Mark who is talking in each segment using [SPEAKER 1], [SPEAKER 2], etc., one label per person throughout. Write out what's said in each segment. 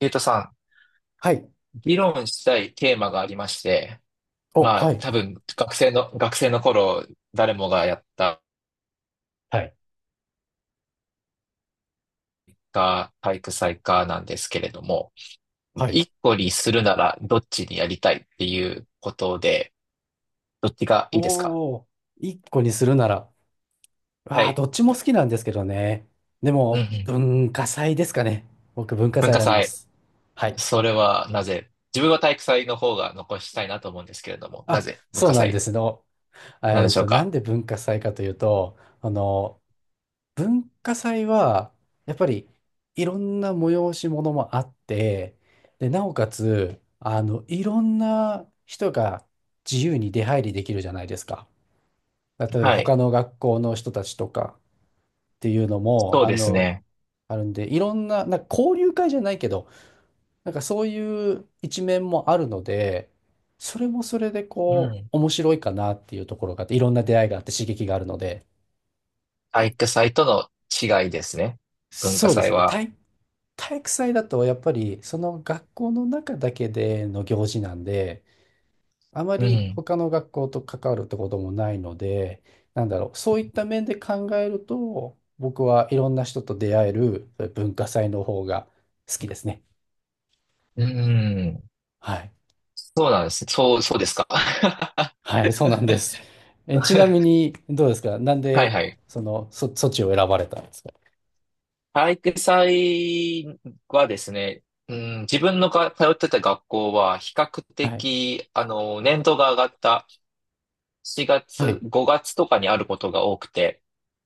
[SPEAKER 1] ゆうとさ
[SPEAKER 2] はい。
[SPEAKER 1] ん、議論したいテーマがありまして、
[SPEAKER 2] お、
[SPEAKER 1] まあ
[SPEAKER 2] はい。
[SPEAKER 1] 多分学生の頃誰もがやった
[SPEAKER 2] はい。
[SPEAKER 1] か体育祭かなんですけれども、
[SPEAKER 2] はい。
[SPEAKER 1] 一個にするならどっちにやりたいっていうことで、どっちがいいですか？
[SPEAKER 2] おお、一個にするなら、
[SPEAKER 1] は
[SPEAKER 2] ああ、ど
[SPEAKER 1] い。
[SPEAKER 2] っちも好きなんですけどね。で
[SPEAKER 1] うんう
[SPEAKER 2] も、
[SPEAKER 1] ん。
[SPEAKER 2] 文化祭ですかね。僕、文化
[SPEAKER 1] 文
[SPEAKER 2] 祭
[SPEAKER 1] 化
[SPEAKER 2] 選びま
[SPEAKER 1] 祭、
[SPEAKER 2] す。はい。
[SPEAKER 1] それはなぜ自分は体育祭の方が残したいなと思うんですけれども、な
[SPEAKER 2] あ、
[SPEAKER 1] ぜ文
[SPEAKER 2] そう
[SPEAKER 1] 化
[SPEAKER 2] なんで
[SPEAKER 1] 祭
[SPEAKER 2] すの。
[SPEAKER 1] なんでしょう
[SPEAKER 2] な
[SPEAKER 1] か？
[SPEAKER 2] んで文化祭かというと、文化祭は、やっぱり、いろんな催し物もあって、で、なおかつ、いろんな人が自由に出入りできるじゃないですか。例えば
[SPEAKER 1] はい。
[SPEAKER 2] 他の学校の人たちとかっていうのも、
[SPEAKER 1] そうですね。
[SPEAKER 2] あるんで、いろんな、なんか交流会じゃないけど、なんかそういう一面もあるので、それもそれで
[SPEAKER 1] う
[SPEAKER 2] こ
[SPEAKER 1] ん。
[SPEAKER 2] う、面白いかなっていうところがあって、いろんな出会いがあって刺激があるので、
[SPEAKER 1] 体育祭との違いですね。文化
[SPEAKER 2] そうです
[SPEAKER 1] 祭
[SPEAKER 2] ね。
[SPEAKER 1] は。
[SPEAKER 2] 体育祭だとやっぱりその学校の中だけでの行事なんで、あま
[SPEAKER 1] う
[SPEAKER 2] り
[SPEAKER 1] ん。
[SPEAKER 2] 他の学校と関わるってこともないので、なんだろう、そういった面で考えると、僕はいろんな人と出会えるそういう文化祭の方が好きですね。
[SPEAKER 1] うーん。
[SPEAKER 2] はい。
[SPEAKER 1] そうなんですね。そうですか。
[SPEAKER 2] はい、そうなんです。え、ちなみ
[SPEAKER 1] は
[SPEAKER 2] に、どうですかなん
[SPEAKER 1] い
[SPEAKER 2] で、
[SPEAKER 1] はい。
[SPEAKER 2] そっちを選ばれたんですか？
[SPEAKER 1] 体育祭はですね、うん、自分のが通ってた学校は比較
[SPEAKER 2] はい。
[SPEAKER 1] 的、年度が上がった4
[SPEAKER 2] は
[SPEAKER 1] 月、
[SPEAKER 2] い。
[SPEAKER 1] 5月とかにあることが多くて、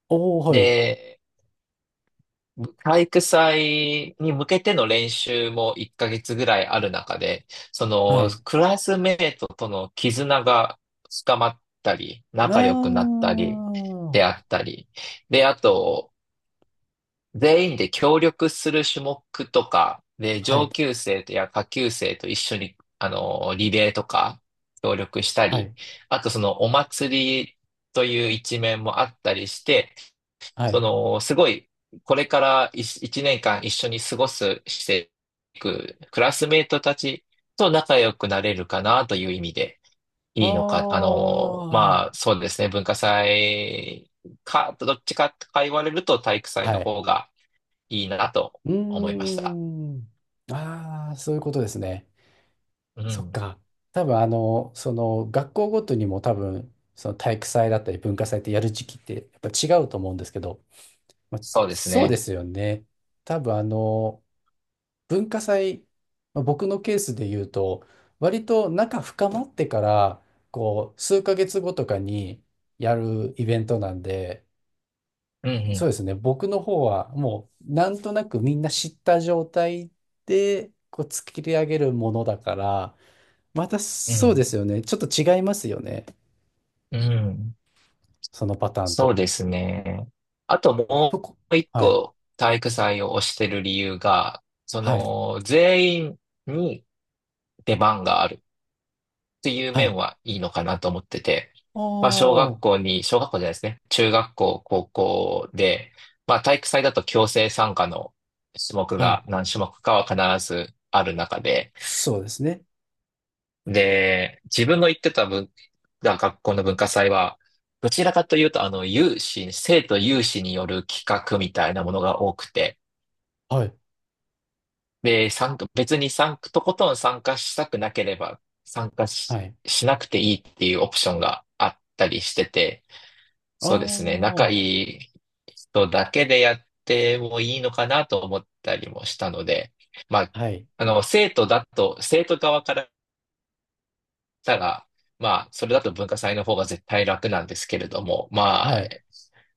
[SPEAKER 2] おー、はい。
[SPEAKER 1] で、体育祭に向けての練習も1ヶ月ぐらいある中で、そ
[SPEAKER 2] は
[SPEAKER 1] の
[SPEAKER 2] い。
[SPEAKER 1] クラスメートとの絆が深まったり、
[SPEAKER 2] あ
[SPEAKER 1] 仲良くなったり、
[SPEAKER 2] ー。
[SPEAKER 1] であったり、で、あと、全員で協力する種目とか、で、
[SPEAKER 2] は
[SPEAKER 1] 上
[SPEAKER 2] い。
[SPEAKER 1] 級生とや下級生と一緒に、リレーとか協力した
[SPEAKER 2] は
[SPEAKER 1] り、
[SPEAKER 2] い。
[SPEAKER 1] あとそのお祭りという一面もあったりして、
[SPEAKER 2] は
[SPEAKER 1] そ
[SPEAKER 2] い。
[SPEAKER 1] の、すごい、これから1年間一緒に過ごす、していく、クラスメートたちと仲良くなれるかなという意味で、
[SPEAKER 2] あ
[SPEAKER 1] いいのか、まあ、
[SPEAKER 2] ー。
[SPEAKER 1] そうですね、文化祭か、どっちかとか言われると体育祭の
[SPEAKER 2] はい。
[SPEAKER 1] 方がいいなと
[SPEAKER 2] う
[SPEAKER 1] 思いま
[SPEAKER 2] ー
[SPEAKER 1] した。
[SPEAKER 2] ん。ああ、そういうことですね。
[SPEAKER 1] う
[SPEAKER 2] そっ
[SPEAKER 1] ん、
[SPEAKER 2] か。多分その学校ごとにも多分、その体育祭だったり文化祭ってやる時期ってやっぱ違うと思うんですけど、
[SPEAKER 1] そうです
[SPEAKER 2] そうで
[SPEAKER 1] ね。
[SPEAKER 2] すよね。多分文化祭、まあ僕のケースで言うと、割と仲深まってから、こう、数ヶ月後とかにやるイベントなんで、
[SPEAKER 1] う
[SPEAKER 2] そ
[SPEAKER 1] ん、
[SPEAKER 2] うですね、僕の方はもう、なんとなくみんな知った状態で、こう、作り上げるものだから、また
[SPEAKER 1] う
[SPEAKER 2] そうで
[SPEAKER 1] ん、
[SPEAKER 2] すよね。ちょっと違いますよね。
[SPEAKER 1] うん、うん。
[SPEAKER 2] そのパターンと。
[SPEAKER 1] そうですね。あとも
[SPEAKER 2] そこ。
[SPEAKER 1] う一
[SPEAKER 2] はい。
[SPEAKER 1] 個体育祭を推してる理由が、そ
[SPEAKER 2] はい。
[SPEAKER 1] の全員に出番があるっていう
[SPEAKER 2] は
[SPEAKER 1] 面
[SPEAKER 2] い。
[SPEAKER 1] はいいのかなと思ってて、まあ小
[SPEAKER 2] お
[SPEAKER 1] 学校
[SPEAKER 2] ー。
[SPEAKER 1] に、小学校じゃないですね。中学校、高校で、まあ体育祭だと強制参加の種目
[SPEAKER 2] はい。
[SPEAKER 1] が何種目かは必ずある中で、
[SPEAKER 2] そうですね。
[SPEAKER 1] で、自分の行ってたが学校の文化祭は、どちらかというと、生徒有志による企画みたいなものが多くて、
[SPEAKER 2] はい。
[SPEAKER 1] で、別に参加、とことん参加したくなければ、参加し、
[SPEAKER 2] はい。
[SPEAKER 1] しなくていいっていうオプションがあったりしてて、そうですね、
[SPEAKER 2] お
[SPEAKER 1] 仲
[SPEAKER 2] ー。
[SPEAKER 1] いい人だけでやってもいいのかなと思ったりもしたので、まあ、
[SPEAKER 2] はい。
[SPEAKER 1] 生徒側からたが、まあ、それだと文化祭の方が絶対楽なんですけれども、ま
[SPEAKER 2] は
[SPEAKER 1] あ、
[SPEAKER 2] い。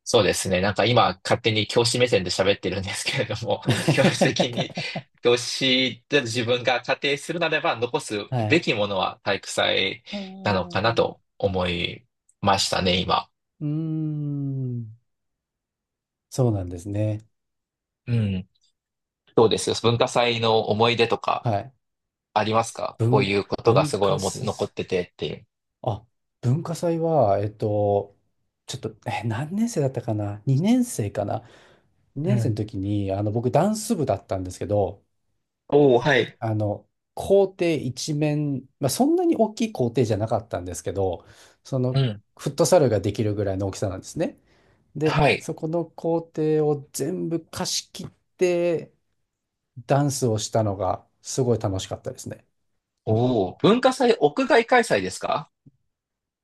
[SPEAKER 1] そうですね。なんか今、勝手に教師目線で喋ってるんですけれども、教師的に、教師で自分が仮定するならば、残す
[SPEAKER 2] は
[SPEAKER 1] べ
[SPEAKER 2] い。
[SPEAKER 1] きものは体育祭
[SPEAKER 2] あ
[SPEAKER 1] なのかな
[SPEAKER 2] ー
[SPEAKER 1] と思いましたね、今。
[SPEAKER 2] うーん。そうなんですね。
[SPEAKER 1] うん。どうですよ。文化祭の思い出とか
[SPEAKER 2] はい。
[SPEAKER 1] ありますか？こう
[SPEAKER 2] 文、
[SPEAKER 1] いうことが
[SPEAKER 2] 文
[SPEAKER 1] すごい
[SPEAKER 2] 化
[SPEAKER 1] 思残
[SPEAKER 2] 祭、
[SPEAKER 1] っててっていう。
[SPEAKER 2] あ、文化祭は、ちょっと、え、何年生だったかな？ 2 年生かな？ 2
[SPEAKER 1] う
[SPEAKER 2] 年生の
[SPEAKER 1] ん。
[SPEAKER 2] 時に、僕、ダンス部だったんですけど、
[SPEAKER 1] おお、はい。
[SPEAKER 2] あの、校庭一面、まあ、そんなに大きい校庭じゃなかったんですけど、そ
[SPEAKER 1] う
[SPEAKER 2] の
[SPEAKER 1] ん。
[SPEAKER 2] フットサルができるぐらいの大きさなんですね。で、
[SPEAKER 1] はい。
[SPEAKER 2] そこの校庭を全部貸し切ってダンスをしたのがすごい楽しかったですね。
[SPEAKER 1] おお、文化祭、屋外開催ですか？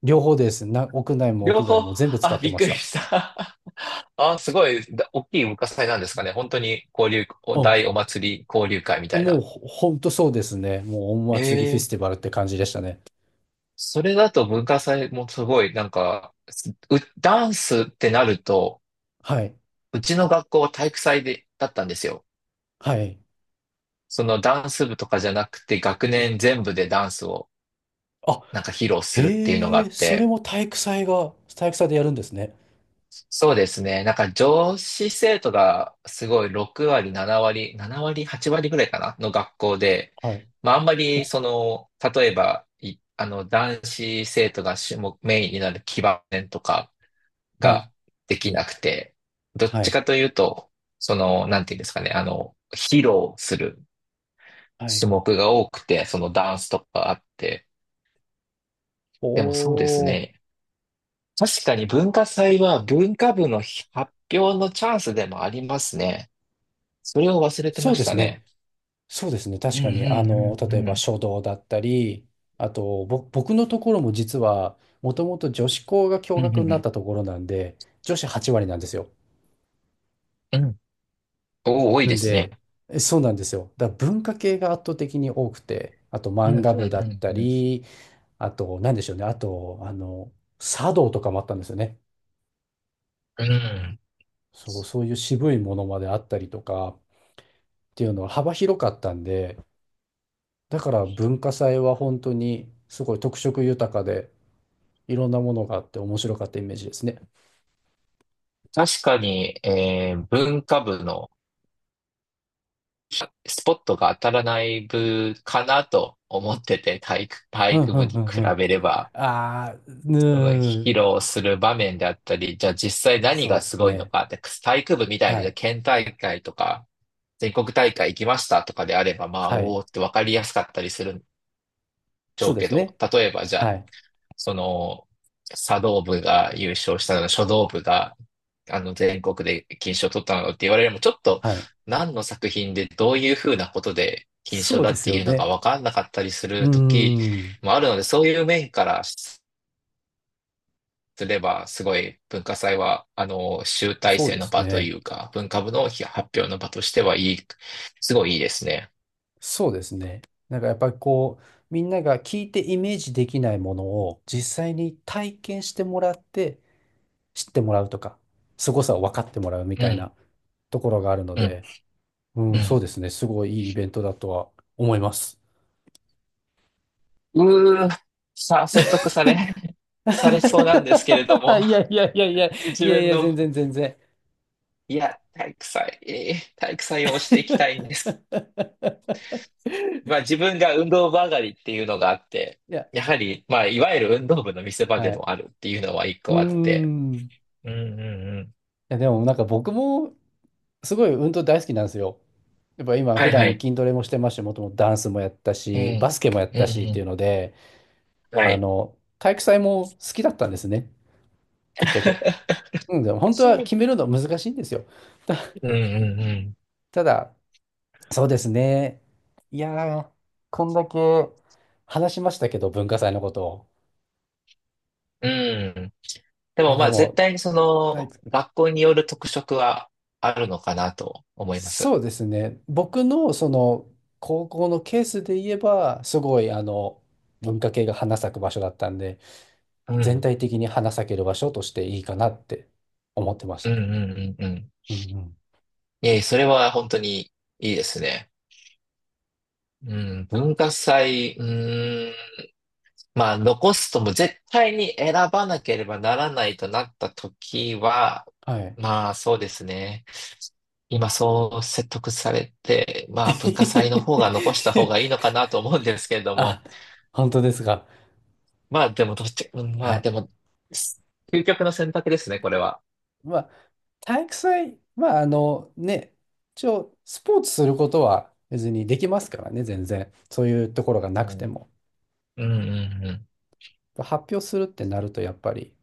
[SPEAKER 2] 両方です。屋内も
[SPEAKER 1] 両
[SPEAKER 2] 屋外
[SPEAKER 1] 方、
[SPEAKER 2] も全部 使っ
[SPEAKER 1] あ、
[SPEAKER 2] て
[SPEAKER 1] びっ
[SPEAKER 2] ま
[SPEAKER 1] く
[SPEAKER 2] し
[SPEAKER 1] り
[SPEAKER 2] た。
[SPEAKER 1] した。あ、すごい、大きい文化祭なんですかね。本当に交流、
[SPEAKER 2] うん。
[SPEAKER 1] お祭り交流会みたい
[SPEAKER 2] もう
[SPEAKER 1] な。
[SPEAKER 2] ほほんとそうですね。もうお
[SPEAKER 1] え
[SPEAKER 2] 祭りフェス
[SPEAKER 1] え、
[SPEAKER 2] ティバルって感じでしたね。
[SPEAKER 1] それだと文化祭もすごい、なんか、ダンスってなると、
[SPEAKER 2] はい。
[SPEAKER 1] うちの学校は体育祭で、だったんですよ。
[SPEAKER 2] はい。
[SPEAKER 1] そのダンス部とかじゃなくて、学年全部でダンスを
[SPEAKER 2] あ、
[SPEAKER 1] なんか披露するっていうのが
[SPEAKER 2] へ
[SPEAKER 1] あ
[SPEAKER 2] え、
[SPEAKER 1] っ
[SPEAKER 2] それ
[SPEAKER 1] て、
[SPEAKER 2] も体育祭でやるんですね。
[SPEAKER 1] そうですね。なんか女子生徒がすごい6割、7割、7割、8割ぐらいかなの学校で、
[SPEAKER 2] はい。
[SPEAKER 1] まああんまりその、例えば、いあの男子生徒がメインになる基盤とか
[SPEAKER 2] はい、
[SPEAKER 1] ができなくて、どっ
[SPEAKER 2] は
[SPEAKER 1] ち
[SPEAKER 2] い、
[SPEAKER 1] かというと、その、なんていうんですかね、披露する
[SPEAKER 2] はい。
[SPEAKER 1] 種目が多くて、そのダンスとかあって、でもそうです
[SPEAKER 2] おー、
[SPEAKER 1] ね。確かに文化祭は文化部の発表のチャンスでもありますね。それを忘れてま
[SPEAKER 2] そうで
[SPEAKER 1] した
[SPEAKER 2] す
[SPEAKER 1] ね。
[SPEAKER 2] ね。そうですね。
[SPEAKER 1] う
[SPEAKER 2] 確
[SPEAKER 1] ん
[SPEAKER 2] かに、
[SPEAKER 1] うんう
[SPEAKER 2] 例え
[SPEAKER 1] んう
[SPEAKER 2] ば
[SPEAKER 1] ん。
[SPEAKER 2] 書道だったり、あと、僕のところも実は、もともと女子校が共
[SPEAKER 1] うん
[SPEAKER 2] 学
[SPEAKER 1] う
[SPEAKER 2] に
[SPEAKER 1] ん
[SPEAKER 2] なっ
[SPEAKER 1] う
[SPEAKER 2] たところなんで、女子8割なんですよ。
[SPEAKER 1] ん。うん。お、多い
[SPEAKER 2] な
[SPEAKER 1] で
[SPEAKER 2] ん
[SPEAKER 1] すね。
[SPEAKER 2] で、えそうなんですよ。だから文化系が圧倒的に多くて、あと
[SPEAKER 1] うん
[SPEAKER 2] 漫
[SPEAKER 1] うん
[SPEAKER 2] 画部だっ
[SPEAKER 1] う
[SPEAKER 2] た
[SPEAKER 1] んうん。
[SPEAKER 2] り、あと、なんでしょうね。あと、茶道とかもあったんですよね。
[SPEAKER 1] うん、
[SPEAKER 2] そういう渋いものまであったりとかっていうのは幅広かったんで、だから文化祭は本当にすごい特色豊かでいろんなものがあって面白かったイメージですね。
[SPEAKER 1] 確かに、文化部のスポットが当たらない部かなと思ってて、体
[SPEAKER 2] うん
[SPEAKER 1] 育
[SPEAKER 2] う
[SPEAKER 1] 部
[SPEAKER 2] ん
[SPEAKER 1] に
[SPEAKER 2] う
[SPEAKER 1] 比
[SPEAKER 2] んうん。
[SPEAKER 1] べれば、
[SPEAKER 2] ああ、
[SPEAKER 1] その
[SPEAKER 2] うん、
[SPEAKER 1] 披露する場面であったり、じゃあ実際何
[SPEAKER 2] そう
[SPEAKER 1] が
[SPEAKER 2] で
[SPEAKER 1] す
[SPEAKER 2] す
[SPEAKER 1] ごいの
[SPEAKER 2] ね。
[SPEAKER 1] か、で体育部みた
[SPEAKER 2] は
[SPEAKER 1] いに
[SPEAKER 2] い。
[SPEAKER 1] 県大会とか、全国大会行きましたとかであれば、まあ、
[SPEAKER 2] は
[SPEAKER 1] お
[SPEAKER 2] い。
[SPEAKER 1] おって分かりやすかったりするんでし
[SPEAKER 2] そ
[SPEAKER 1] ょ
[SPEAKER 2] う
[SPEAKER 1] う
[SPEAKER 2] で
[SPEAKER 1] け
[SPEAKER 2] す
[SPEAKER 1] ど、
[SPEAKER 2] ね。
[SPEAKER 1] 例えばじゃあ、
[SPEAKER 2] はい。
[SPEAKER 1] その、茶道部が優勝したの、書道部が、全国で金賞を取ったのって言われるのも、ちょっと、
[SPEAKER 2] はい。
[SPEAKER 1] 何の作品でどういうふうなことで金賞
[SPEAKER 2] そう
[SPEAKER 1] だ
[SPEAKER 2] で
[SPEAKER 1] っ
[SPEAKER 2] す
[SPEAKER 1] て
[SPEAKER 2] よ
[SPEAKER 1] いうのが
[SPEAKER 2] ね。
[SPEAKER 1] 分かんなかったりす
[SPEAKER 2] うー
[SPEAKER 1] る時
[SPEAKER 2] ん。
[SPEAKER 1] もあるので、そういう面からすれば、すごい文化祭は、集大
[SPEAKER 2] そう
[SPEAKER 1] 成
[SPEAKER 2] で
[SPEAKER 1] の
[SPEAKER 2] す
[SPEAKER 1] 場と
[SPEAKER 2] ね。
[SPEAKER 1] いうか、文化部の発表の場としてはすごいいいですね。
[SPEAKER 2] そうですね。なんかやっぱりこう、みんなが聞いてイメージできないものを実際に体験してもらって知ってもらうとか、凄さを分かってもらうみ
[SPEAKER 1] う
[SPEAKER 2] たい
[SPEAKER 1] ん、
[SPEAKER 2] なところがあるの
[SPEAKER 1] うん、
[SPEAKER 2] で、う
[SPEAKER 1] う
[SPEAKER 2] ん、そう
[SPEAKER 1] ん。
[SPEAKER 2] ですね。すごいいいイベントだとは思います。
[SPEAKER 1] うー、説得され、されそうな
[SPEAKER 2] い
[SPEAKER 1] んですけれど
[SPEAKER 2] や
[SPEAKER 1] も。
[SPEAKER 2] いやいやいや、い
[SPEAKER 1] 自
[SPEAKER 2] やい
[SPEAKER 1] 分
[SPEAKER 2] や、
[SPEAKER 1] の、
[SPEAKER 2] 全然全然。
[SPEAKER 1] いや、体育祭、体育祭を推していきたいんです。まあ自分が運動部上がりっていうのがあって、
[SPEAKER 2] いや、
[SPEAKER 1] やはり、まあいわゆる運動部の見せ場で
[SPEAKER 2] はい。
[SPEAKER 1] もあるっていうのは一
[SPEAKER 2] うー
[SPEAKER 1] 個あって。
[SPEAKER 2] ん。い
[SPEAKER 1] うんうんうん。
[SPEAKER 2] や、でもなんか僕もすごい運動大好きなんですよ。やっぱ今
[SPEAKER 1] は
[SPEAKER 2] 普
[SPEAKER 1] いは
[SPEAKER 2] 段
[SPEAKER 1] い。
[SPEAKER 2] 筋トレもしてますし、もともとダンスもやった
[SPEAKER 1] う
[SPEAKER 2] し、バ
[SPEAKER 1] ん。
[SPEAKER 2] スケもやっ
[SPEAKER 1] うん
[SPEAKER 2] たしってい
[SPEAKER 1] う
[SPEAKER 2] うので、
[SPEAKER 1] ん。はい。
[SPEAKER 2] 体育祭も好きだったんですね。ぶっちゃけ。うん、でも本当は決めるの難しいんですよ。
[SPEAKER 1] うんうん
[SPEAKER 2] ただ、そうですね。いやー、こんだけ話しましたけど、文化祭のことを。
[SPEAKER 1] うん。うん。で
[SPEAKER 2] いや、
[SPEAKER 1] もま
[SPEAKER 2] で
[SPEAKER 1] あ絶
[SPEAKER 2] も、
[SPEAKER 1] 対にそ
[SPEAKER 2] は
[SPEAKER 1] の
[SPEAKER 2] い。
[SPEAKER 1] 学校による特色はあるのかなと思います。
[SPEAKER 2] そうですね。僕のその高校のケースで言えば、すごい文化系が花咲く場所だったんで、
[SPEAKER 1] う
[SPEAKER 2] 全
[SPEAKER 1] ん。
[SPEAKER 2] 体的に花咲ける場所としていいかなって思ってまし
[SPEAKER 1] う
[SPEAKER 2] た
[SPEAKER 1] んう
[SPEAKER 2] ね。
[SPEAKER 1] んうんうん。
[SPEAKER 2] うんうん。
[SPEAKER 1] いえ、それは本当にいいですね。うん、文化祭、うーん、まあ残すとも絶対に選ばなければならないとなった時は、
[SPEAKER 2] はい。
[SPEAKER 1] まあそうですね。今そう説得されて、まあ文化祭の方が残した方がいいの かなと思うんですけれど
[SPEAKER 2] あ、
[SPEAKER 1] も、
[SPEAKER 2] 本当ですか。
[SPEAKER 1] まあでもどっち、うん、
[SPEAKER 2] は
[SPEAKER 1] まあ
[SPEAKER 2] い。
[SPEAKER 1] でも、究極の選択ですね、これは。
[SPEAKER 2] まあ、体育祭、まあ、あのね、一応、スポーツすることは別にできますからね、全然。そういうところが
[SPEAKER 1] う
[SPEAKER 2] なくて
[SPEAKER 1] ん、
[SPEAKER 2] も。
[SPEAKER 1] うん、うん、うん。
[SPEAKER 2] 発表するってなると、やっぱり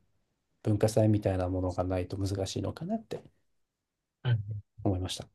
[SPEAKER 2] 文化祭みたいなものがないと難しいのかなって
[SPEAKER 1] うん
[SPEAKER 2] 思いました。